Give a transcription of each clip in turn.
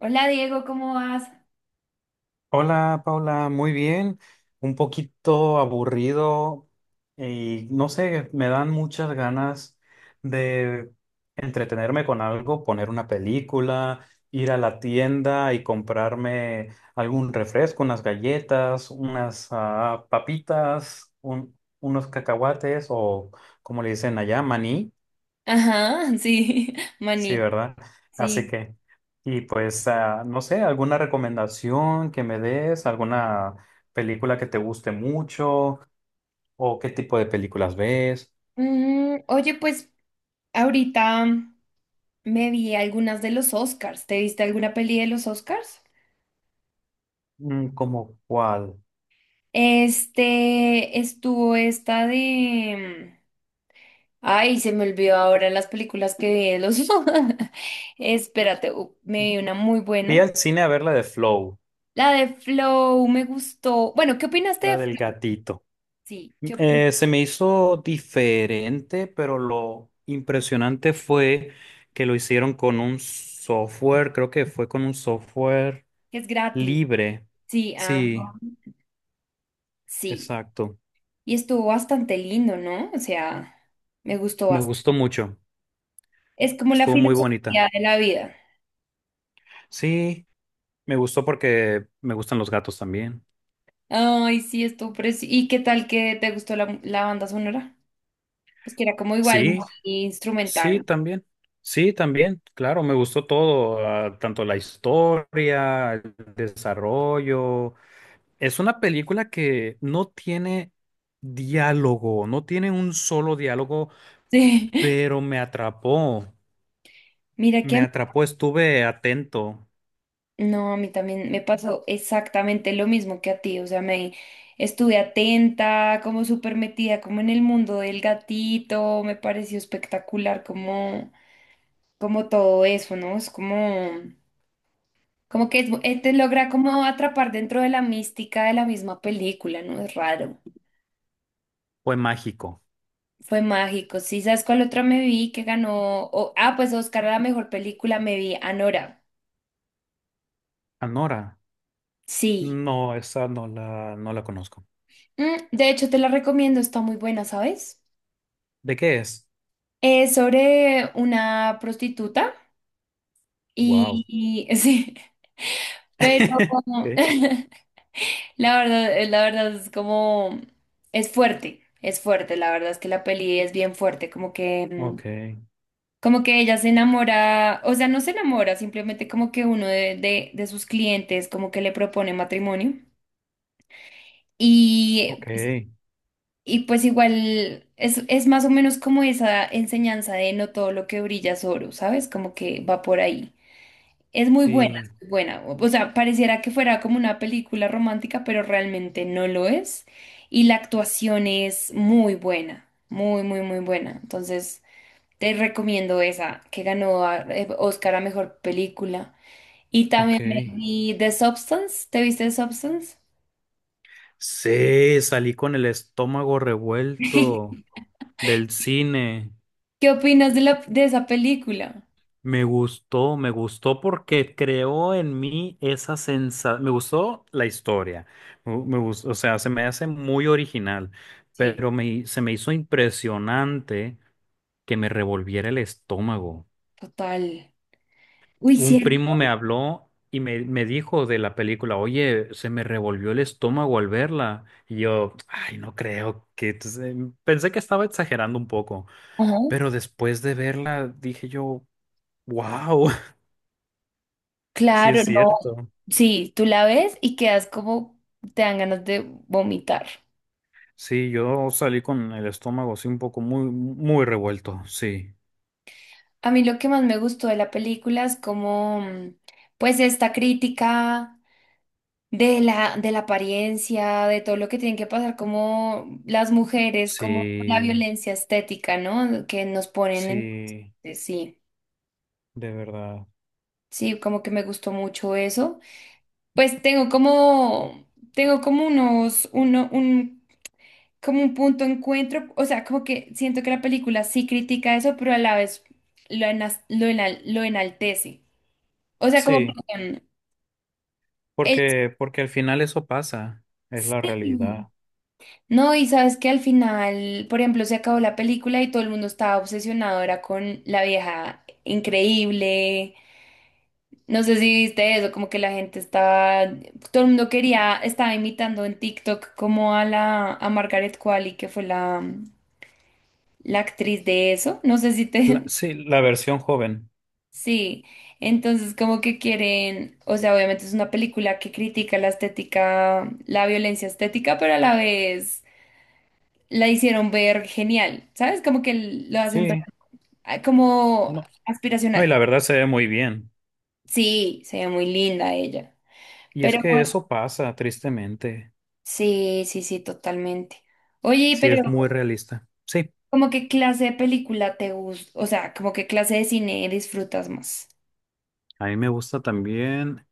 Hola Diego, ¿cómo vas? Hola Paula, muy bien, un poquito aburrido y no sé, me dan muchas ganas de entretenerme con algo, poner una película, ir a la tienda y comprarme algún refresco, unas galletas, unas papitas, unos cacahuates o como le dicen allá, maní. Ajá, sí, Sí, maní. ¿verdad? Así Sí. que, y pues, no sé, alguna recomendación que me des, alguna película que te guste mucho, o qué tipo de películas ves. Mm, oye, pues ahorita me vi algunas de los Oscars. ¿Te viste alguna peli de los Oscars? Mm, como cuál. Estuvo esta de... Ay, se me olvidó ahora las películas que vi de los... Espérate, me vi una muy Fui buena. al cine a ver la de Flow, La de Flow me gustó. Bueno, ¿qué opinaste la de del Flow? gatito. Sí, ¿qué opinas? Se me hizo diferente, pero lo impresionante fue que lo hicieron con un software, creo que fue con un software Que es gratis. libre. Sí, Sí, sí. exacto. Y estuvo bastante lindo, ¿no? O sea, me gustó Me bastante. gustó mucho. Es como la Estuvo muy bonita. filosofía de la vida. Sí, me gustó porque me gustan los gatos también. Ay, sí, estuvo precioso. ¿Y qué tal que te gustó la banda sonora? Pues que era como igual muy Sí, sí, instrumental. también. Sí, también. Claro, me gustó todo, tanto la historia, el desarrollo. Es una película que no tiene diálogo, no tiene un solo diálogo, Sí. pero me atrapó. Mira que Me a mí, atrapó, estuve atento. no, a mí también me pasó exactamente lo mismo que a ti. O sea, me estuve atenta, como súper metida, como en el mundo del gatito. Me pareció espectacular como, como todo eso, ¿no? Es como. Como que te logra como atrapar dentro de la mística de la misma película, ¿no? Es raro. Fue mágico. Fue mágico. Sí, ¿sabes cuál otra me vi que ganó? Pues Oscar a la mejor película me vi, Anora. Anora. Sí. No, esa no la, no la conozco. Mm, de hecho, te la recomiendo, está muy buena, ¿sabes? ¿De qué es? Es sobre una prostituta Wow. y, sí, pero Okay, la verdad es como, es fuerte, la verdad es que la peli es bien fuerte, como que... okay, como que ella se enamora, o sea, no se enamora, simplemente como que uno de sus clientes como que le propone matrimonio. Y, okay, y pues igual es más o menos como esa enseñanza de no todo lo que brilla es oro, ¿sabes? Como que va por ahí. Es muy buena, es sí, muy buena. O sea, pareciera que fuera como una película romántica, pero realmente no lo es. Y la actuación es muy buena, muy, muy, muy buena. Entonces... Te recomiendo esa, que ganó Oscar a mejor película. Y también me okay. vi The Substance. ¿Te viste The Substance? Sí, salí con el estómago revuelto del cine. ¿Qué opinas de de esa película? Me gustó porque creó en mí esa sensación. Me gustó la historia. Me gustó, o sea, se me hace muy original, Sí, pero se me hizo impresionante que me revolviera el estómago. total. Uy, Un primo cierto. me habló y me dijo de la película, oye, se me revolvió el estómago al verla. Y yo, ay, no creo que... Entonces, pensé que estaba exagerando un poco, Ajá. pero después de verla dije yo, wow, sí es Claro, no. cierto. Sí, tú la ves y quedas como, te dan ganas de vomitar. Sí, yo salí con el estómago así un poco muy revuelto, sí, A mí lo que más me gustó de la película es como, pues esta crítica de de la apariencia, de todo lo que tienen que pasar como las mujeres, como la sí, violencia estética, ¿no? Que nos ponen en... sí, Sí, de verdad. sí, como que me gustó mucho eso. Pues tengo como como un punto de encuentro, o sea, como que siento que la película sí critica eso, pero a la vez lo enaltece. O sea, como, Sí, perdón, ella- porque, porque al final eso pasa, es la sí. realidad. No, y sabes que al final, por ejemplo, se acabó la película y todo el mundo estaba obsesionado, era con la vieja increíble. No sé si viste eso, como que la gente estaba, todo el mundo quería, estaba imitando en TikTok como a a Margaret Qualley, que fue la actriz de eso. No sé si te, Sí, la versión joven. sí. Entonces, como que quieren, o sea, obviamente es una película que critica la estética, la violencia estética, pero a la vez la hicieron ver genial, ¿sabes? Como que lo hacen ver Sí. Como No, no, y aspiracional. la verdad se ve muy bien. Sí, se ve muy linda ella. Y es Pero que bueno, eso pasa, tristemente. sí, sí, sí, totalmente. Oye, Sí, pero es muy realista. Sí, ¿como qué clase de película te gusta? O sea, ¿como qué clase de cine disfrutas más? a mí me gusta también.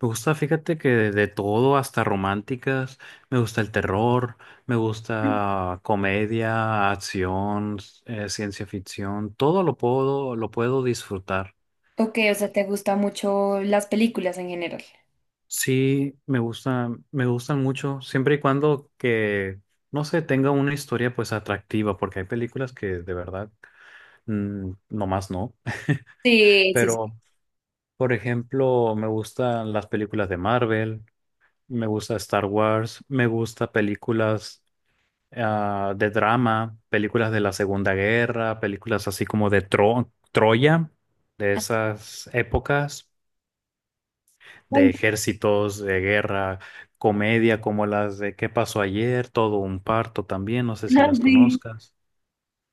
Me gusta, fíjate que de todo, hasta románticas. Me gusta el terror, me Mm. gusta comedia, acción, ciencia ficción. Todo lo puedo disfrutar. Ok, o sea, ¿te gustan mucho las películas en general? Sí, me gusta, me gustan mucho, siempre y cuando que, no sé, tenga una historia pues atractiva, porque hay películas que de verdad, mm, nomás no. Sí, sí, sí. Pero, por ejemplo, me gustan las películas de Marvel, me gusta Star Wars, me gusta películas de drama, películas de la Segunda Guerra, películas así como de Troya, de esas épocas, de Bueno, ejércitos, de guerra, comedia como las de ¿Qué pasó ayer? Todo un parto también, no sé si las sí. conozcas.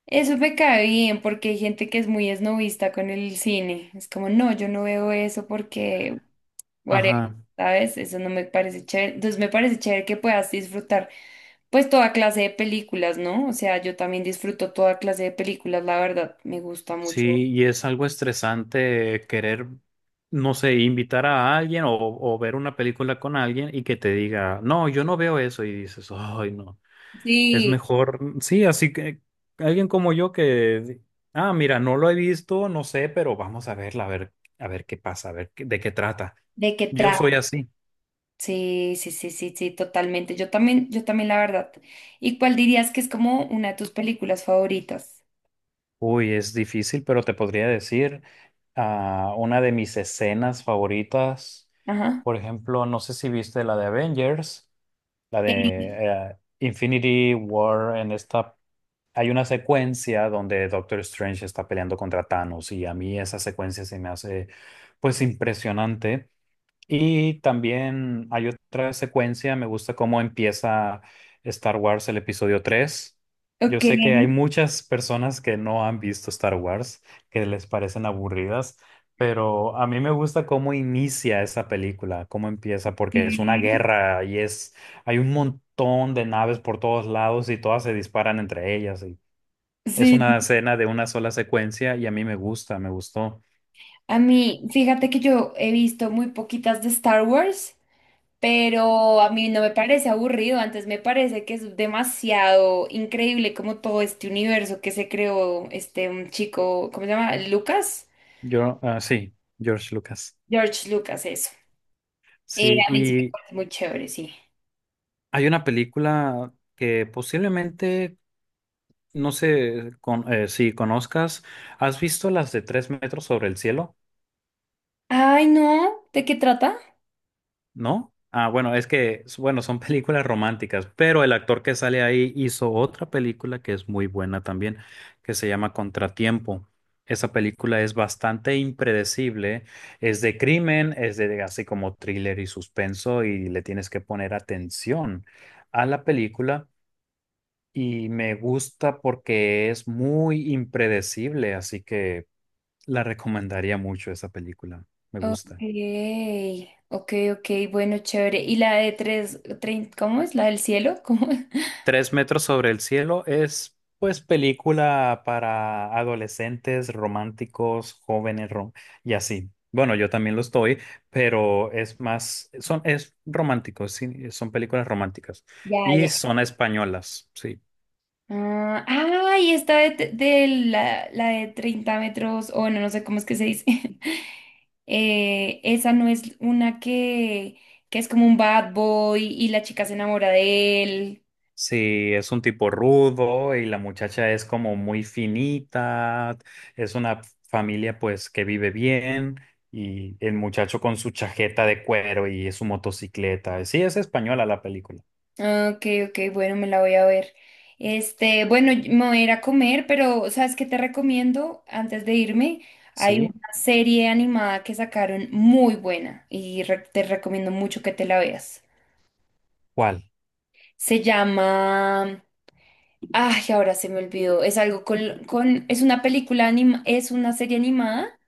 Eso me cae bien porque hay gente que es muy esnovista con el cine. Es como, no, yo no veo eso porque whatever, Ajá. ¿sabes? Eso no me parece chévere. Entonces me parece chévere que puedas disfrutar pues toda clase de películas, ¿no? O sea, yo también disfruto toda clase de películas, la verdad, me gusta mucho. Sí, y es algo estresante querer, no sé, invitar a alguien o ver una película con alguien y que te diga, no, yo no veo eso y dices, ay, no, es Sí, mejor, sí, así que alguien como yo que, mira, no lo he visto, no sé, pero vamos a verla, a ver qué pasa, a ver de qué trata. ¿de qué Yo soy trata? así. Sí, sí, sí, sí, sí, totalmente. Yo también, la verdad. ¿Y cuál dirías que es como una de tus películas favoritas? Uy, es difícil, pero te podría decir, una de mis escenas favoritas, Ajá. por ejemplo, no sé si viste la de Avengers. La de Eh, Infinity War, en esta hay una secuencia donde Doctor Strange está peleando contra Thanos y a mí esa secuencia se me hace pues impresionante. Y también hay otra secuencia, me gusta cómo empieza Star Wars el episodio 3. Yo ok. sé que hay muchas personas que no han visto Star Wars, que les parecen aburridas, pero a mí me gusta cómo inicia esa película, cómo empieza, porque es una eh, guerra y es, hay un montón de naves por todos lados y todas se disparan entre ellas. Y es Sí. una escena de una sola secuencia y a mí me gusta, me gustó. A mí, fíjate que yo he visto muy poquitas de Star Wars. Pero a mí no me parece aburrido, antes me parece que es demasiado increíble como todo este universo que se creó este un chico, ¿cómo se llama? Lucas, Yo, sí, George Lucas. George Lucas, eso. Sí, A mí sí me y parece muy chévere, sí. hay una película que posiblemente, no sé si conozcas, ¿has visto las de Tres metros sobre el cielo? Ay, no, ¿de qué trata? ¿No? Ah, bueno, es que, bueno, son películas románticas, pero el actor que sale ahí hizo otra película que es muy buena también, que se llama Contratiempo. Esa película es bastante impredecible, es de crimen, es de así como thriller y suspenso y le tienes que poner atención a la película. Y me gusta porque es muy impredecible, así que la recomendaría mucho esa película. Me Ok, gusta. ok, ok, bueno, chévere. ¿Y la de cómo es? ¿La del cielo? ¿Cómo? es? Tres metros sobre el cielo es, pues, película para adolescentes, románticos, jóvenes y así. Bueno, yo también lo estoy, pero es más, son, es romántico, sí, son películas románticas Ya, y ya. son españolas, sí. Ah, ay, esta de, la de 30 metros, o no, no sé cómo es que se dice. Esa no es una que es como un bad boy y la chica se enamora de él. Sí, es un tipo rudo y la muchacha es como muy finita, es una familia pues que vive bien y el muchacho con su chaqueta de cuero y su motocicleta. Sí, es española la película. Ah, ok, ok, bueno, me la voy a ver. Bueno, me voy a ir a comer, pero ¿sabes qué te recomiendo antes de irme? Hay ¿Sí? una serie animada que sacaron muy buena y te recomiendo mucho que te la veas. ¿Cuál? Se llama Ay, ahora se me olvidó. Es algo con, es una película anima, es una serie animada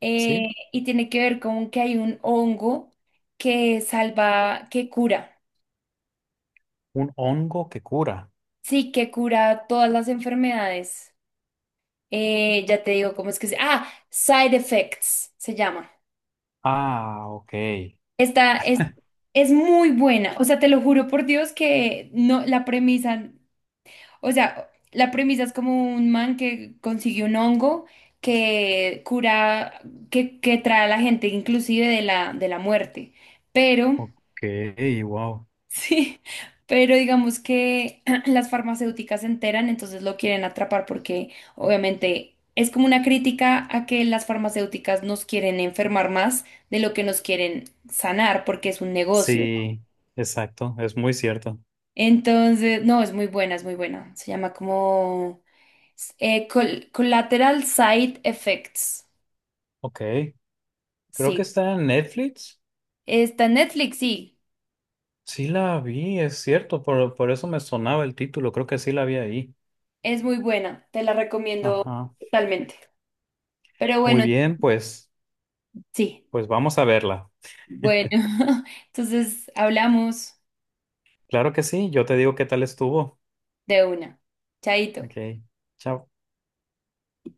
¿Sí? y tiene que ver con que hay un hongo que salva, que cura. Un hongo que cura. Sí, que cura todas las enfermedades. Ya te digo cómo es que se. Ah, Side Effects se llama. Ah, ok. Esta es muy buena. O sea, te lo juro por Dios que no, la premisa. O sea, la premisa es como un man que consigue un hongo que cura, que trae a la gente inclusive de de la muerte. Pero, Ok, wow. sí, pero digamos que las farmacéuticas se enteran, entonces lo quieren atrapar porque obviamente es como una crítica a que las farmacéuticas nos quieren enfermar más de lo que nos quieren sanar porque es un negocio. ¿No? Sí, exacto, es muy cierto. Entonces, no, es muy buena, es muy buena. Se llama como... Collateral Side Effects. Ok, creo que Sí. está en Netflix. Está en Netflix, sí. Sí la vi, es cierto, por eso me sonaba el título, creo que sí la vi ahí. Es muy buena. Te la recomiendo Ajá. totalmente. Pero Muy bueno, bien, pues, sí. pues vamos a verla. Bueno, entonces hablamos Claro que sí, yo te digo qué tal estuvo. de una. Chaito. Ok, chao.